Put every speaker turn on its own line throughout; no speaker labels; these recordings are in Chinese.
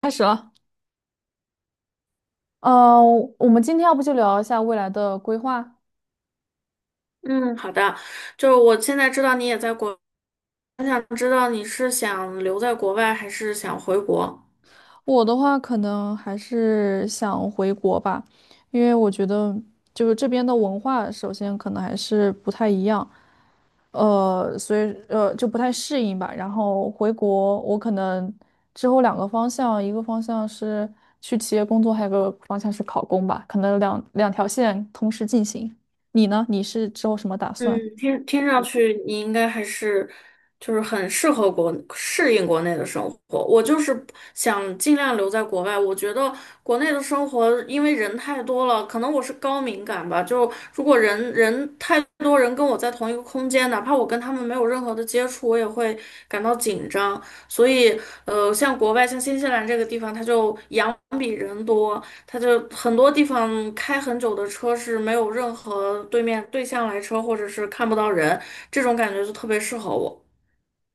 开始了。呃，我们今天要不就聊一下未来的规划？
嗯，好的，就是我现在知道你也在国，我想知道你是想留在国外还是想回国？
我的话，可能还是想回国吧，因为我觉得就是这边的文化，首先可能还是不太一样，所以就不太适应吧。然后回国，我可能之后两个方向，一个方向是去企业工作，还有个方向是考公吧，可能两条线同时进行。你呢？你是之后什么打
嗯，
算？
听上去你应该还是就是很适应国内的生活。我就是想尽量留在国外。我觉得国内的生活因为人太多了，可能我是高敏感吧。就如果人太多人跟我在同一个空间，哪怕我跟他们没有任何的接触，我也会感到紧张。所以，像国外像新西兰这个地方，它就羊比人多，他就很多地方开很久的车是没有任何对向来车，或者是看不到人，这种感觉就特别适合我。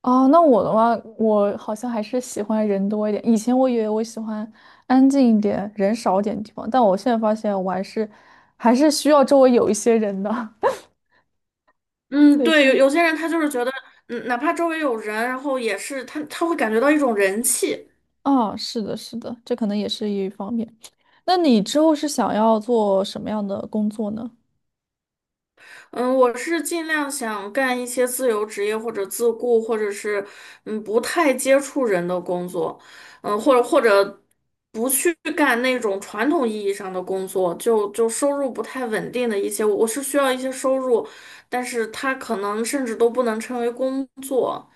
哦，那我的话，我好像还是喜欢人多一点。以前我以为我喜欢安静一点、人少一点的地方，但我现在发现我还是需要周围有一些人的。
嗯，
对，这
对，有些人他就是觉得，哪怕周围有人，然后也是他会感觉到一种人气。
啊，是的，是的，这可能也是一方面。那你之后是想要做什么样的工作呢？
嗯，我是尽量想干一些自由职业或者自雇，或者是不太接触人的工作，或者不去干那种传统意义上的工作，就收入不太稳定的一些，我是需要一些收入，但是它可能甚至都不能称为工作，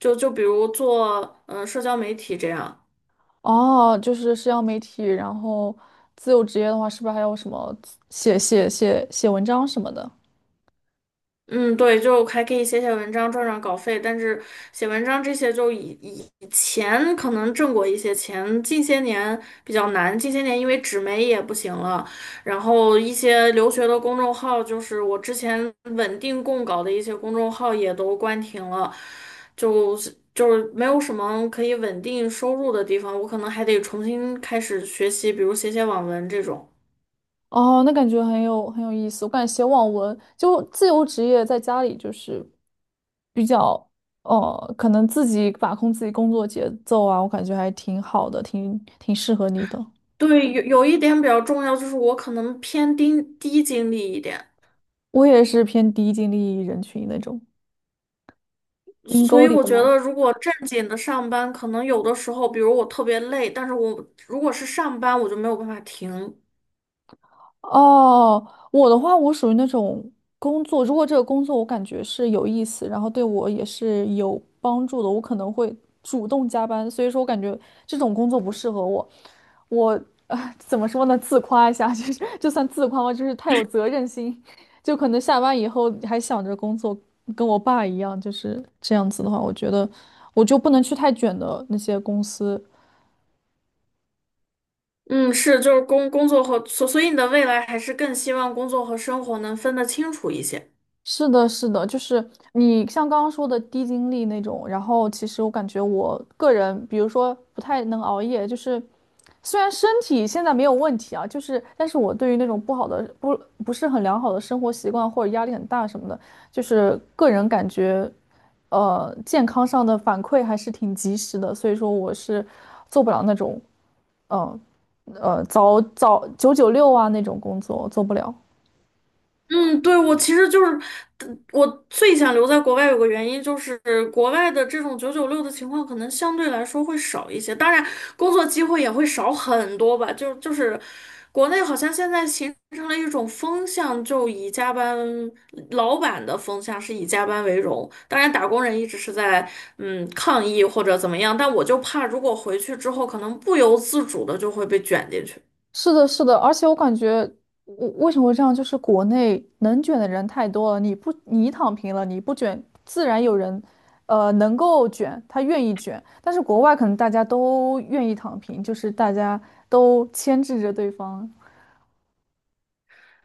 就比如做社交媒体这样。
哦，就是社交媒体，然后自由职业的话，是不是还有什么写写文章什么的？
嗯，对，就还可以写写文章赚赚稿费，但是写文章这些就以前可能挣过一些钱，近些年比较难，近些年因为纸媒也不行了，然后一些留学的公众号，就是我之前稳定供稿的一些公众号也都关停了，就是没有什么可以稳定收入的地方，我可能还得重新开始学习，比如写写网文这种。
哦，那感觉很有意思。我感觉写网文就自由职业，在家里就是比较可能自己把控自己工作节奏啊，我感觉还挺好的，挺适合你的。
对，有一点比较重要，就是我可能偏低精力一点。
我也是偏低精力人群那种，阴
所
沟
以
里
我
的
觉
老
得，
师。
如果正经的上班，可能有的时候，比如我特别累，但是我如果是上班，我就没有办法停。
哦，我的话，我属于那种工作，如果这个工作我感觉是有意思，然后对我也是有帮助的，我可能会主动加班。所以说我感觉这种工作不适合我。我怎么说呢？自夸一下，就是就算自夸吧，就是太有责任心，就可能下班以后还想着工作，跟我爸一样，就是这样子的话，我觉得我就不能去太卷的那些公司。
嗯，是，就是工工作和所，所以你的未来还是更希望工作和生活能分得清楚一些。
是的，是的，就是你像刚刚说的低精力那种，然后其实我感觉我个人，比如说不太能熬夜，就是虽然身体现在没有问题啊，就是但是我对于那种不是很良好的生活习惯或者压力很大什么的，就是个人感觉，健康上的反馈还是挺及时的，所以说我是做不了那种，呃早九六啊那种工作，我做不了。
嗯，对，我其实就是，我最想留在国外有个原因就是，国外的这种996的情况可能相对来说会少一些，当然工作机会也会少很多吧。就是国内好像现在形成了一种风向，就以加班，老板的风向是以加班为荣，当然打工人一直是在抗议或者怎么样，但我就怕如果回去之后，可能不由自主的就会被卷进去。
是的，是的，而且我感觉，我为什么会这样？就是国内能卷的人太多了，你不，你躺平了，你不卷，自然有人，能够卷，他愿意卷。但是国外可能大家都愿意躺平，就是大家都牵制着对方。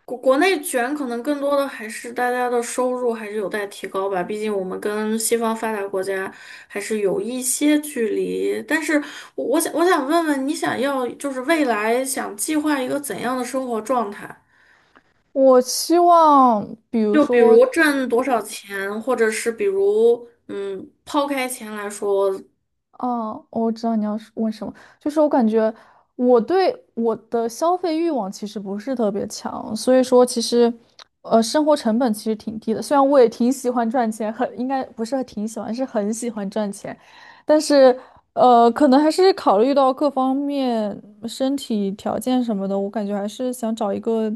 国内卷可能更多的还是大家的收入还是有待提高吧，毕竟我们跟西方发达国家还是有一些距离。但是我想问问你，想要就是未来想计划一个怎样的生活状态？
我希望，比如
就比
说。
如挣多少钱，或者是比如抛开钱来说，
哦，哦我知道你要是问什么，就是我感觉我对我的消费欲望其实不是特别强，所以说其实，生活成本其实挺低的。虽然我也挺喜欢赚钱，很应该不是挺喜欢，是很喜欢赚钱，但是可能还是考虑到各方面身体条件什么的，我感觉还是想找一个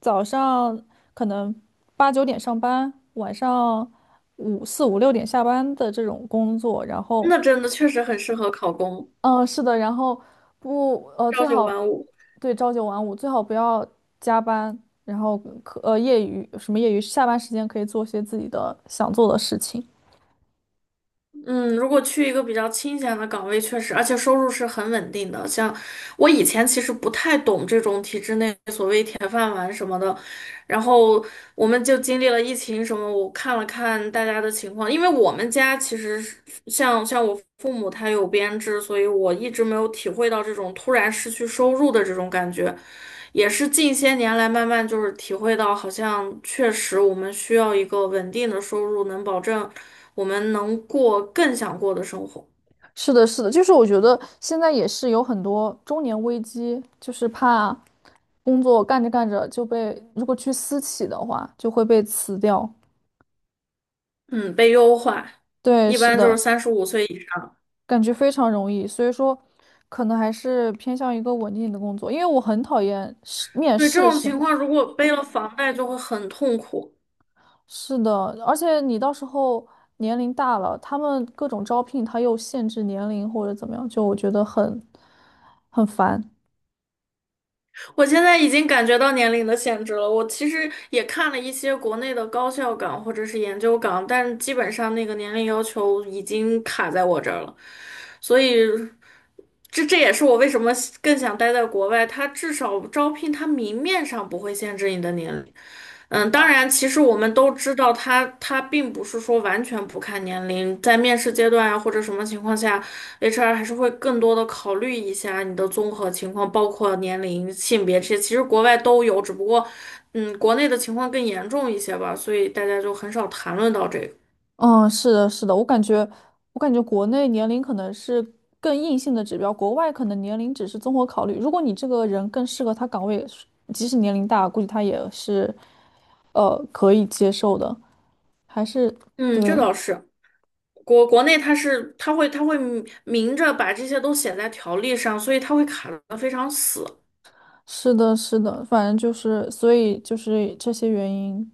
早上可能八九点上班，晚上五六点下班的这种工作，然后。
那真的确实很适合考公，
嗯，是的，然后不，呃，
朝
最
九
好
晚五。
对9—5，最好不要加班，然后可呃业余什么业余，下班时间可以做些自己的想做的事情。
嗯，如果去一个比较清闲的岗位，确实，而且收入是很稳定的。像我以前其实不太懂这种体制内所谓铁饭碗什么的，然后我们就经历了疫情什么，我看了看大家的情况，因为我们家其实是像我父母他有编制，所以我一直没有体会到这种突然失去收入的这种感觉，也是近些年来慢慢就是体会到，好像确实我们需要一个稳定的收入，能保证。我们能过更想过的生活，
是的，是的，就是我觉得现在也是有很多中年危机，就是怕工作干着干着就被，如果去私企的话，就会被辞掉。
嗯，被优化，
对，
一
是
般就是
的，
35岁以上。
感觉非常容易，所以说可能还是偏向一个稳定的工作，因为我很讨厌是面
对这
试
种
什
情
么的。
况，如果背了房贷，就会很痛苦。
是的，而且你到时候年龄大了，他们各种招聘他又限制年龄或者怎么样，就我觉得很很烦。
我现在已经感觉到年龄的限制了。我其实也看了一些国内的高校岗或者是研究岗，但基本上那个年龄要求已经卡在我这儿了，所以。这也是我为什么更想待在国外，它至少招聘它明面上不会限制你的年龄。当
啊，
然，其实我们都知道它并不是说完全不看年龄，在面试阶段啊或者什么情况下，HR 还是会更多的考虑一下你的综合情况，包括年龄、性别这些，其实国外都有，只不过国内的情况更严重一些吧，所以大家就很少谈论到这个。
嗯，是的，是的，我感觉国内年龄可能是更硬性的指标，国外可能年龄只是综合考虑。如果你这个人更适合他岗位，即使年龄大，估计他也是可以接受的。还是
嗯，这
对，
倒是。国内它会明明着把这些都写在条例上，所以它会卡的非常死。
是的，是的，反正就是，所以就是这些原因。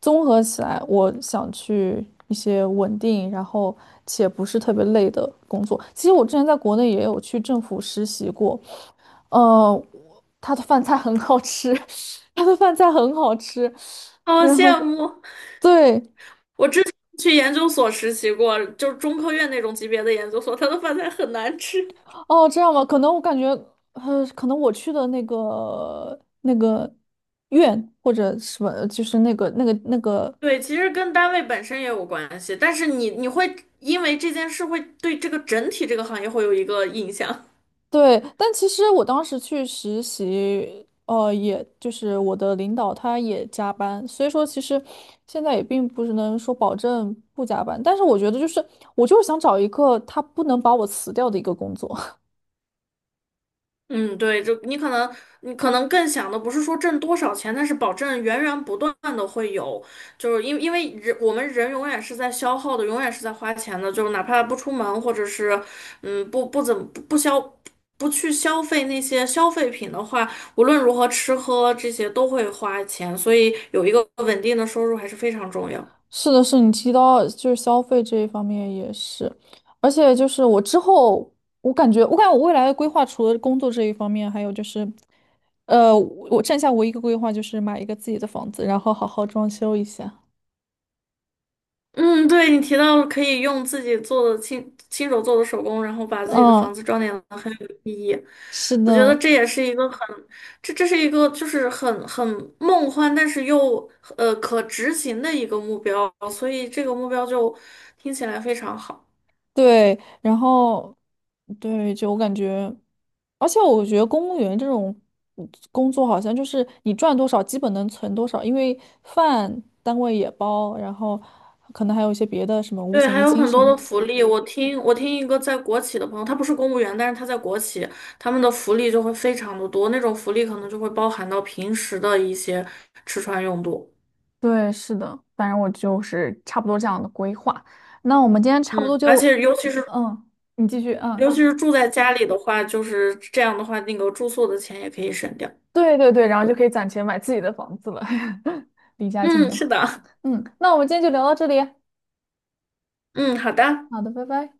综合起来，我想去一些稳定，然后且不是特别累的工作。其实我之前在国内也有去政府实习过，呃，他的饭菜很好吃，他的饭菜很好吃。
好
然后
羡慕，
对，
去研究所实习过，就是中科院那种级别的研究所，他的饭菜很难吃。
哦，这样吧，可能我感觉，可能我去的那个院或者什么，就是那个
对，其实跟单位本身也有关系，但是你会因为这件事会对这个整体这个行业会有一个印象。
对，但其实我当时去实习，也就是我的领导他也加班，所以说其实现在也并不是能说保证不加班，但是我觉得就是我就是想找一个他不能把我辞掉的一个工作。
嗯，对，就你可能更想的不是说挣多少钱，但是保证源源不断的会有，就是因为我们人永远是在消耗的，永远是在花钱的，就是哪怕不出门，或者是嗯不不怎么不不消不去消费那些消费品的话，无论如何吃喝这些都会花钱，所以有一个稳定的收入还是非常重要。
是的，是你提到就是消费这一方面也是，而且就是我之后我感觉我未来的规划除了工作这一方面，还有就是。我剩下唯一一个规划就是买一个自己的房子，然后好好装修一下。
嗯，对，你提到了可以用自己做的亲手做的手工，然后把自己的房
嗯，
子装点的很有意义。
是
我觉得
的，
这也是一个很，这是一个就是很梦幻，但是又可执行的一个目标，所以这个目标就听起来非常好。
对，然后对，就我感觉，而且我觉得公务员这种工作好像就是你赚多少，基本能存多少，因为饭单位也包，然后可能还有一些别的什么五
对，
险
还
一
有
金
很
什
多
么
的
的。
福利。我听一个在国企的朋友，他不是公务员，但是他在国企，他们的福利就会非常的多，那种福利可能就会包含到平时的一些吃穿用度。
对，是的，反正我就是差不多这样的规划。那我们今天差不多
嗯，而
就，
且尤其是
嗯，你继续，
尤
嗯，
其是住在家里的话，就是这样的话，那个住宿的钱也可以省掉。
对，然后就可
对，
以攒钱买自己的房子了。离家近
嗯，
的，
是的，
嗯，那我们今天就聊到这里，
嗯，好的。
好的，拜拜。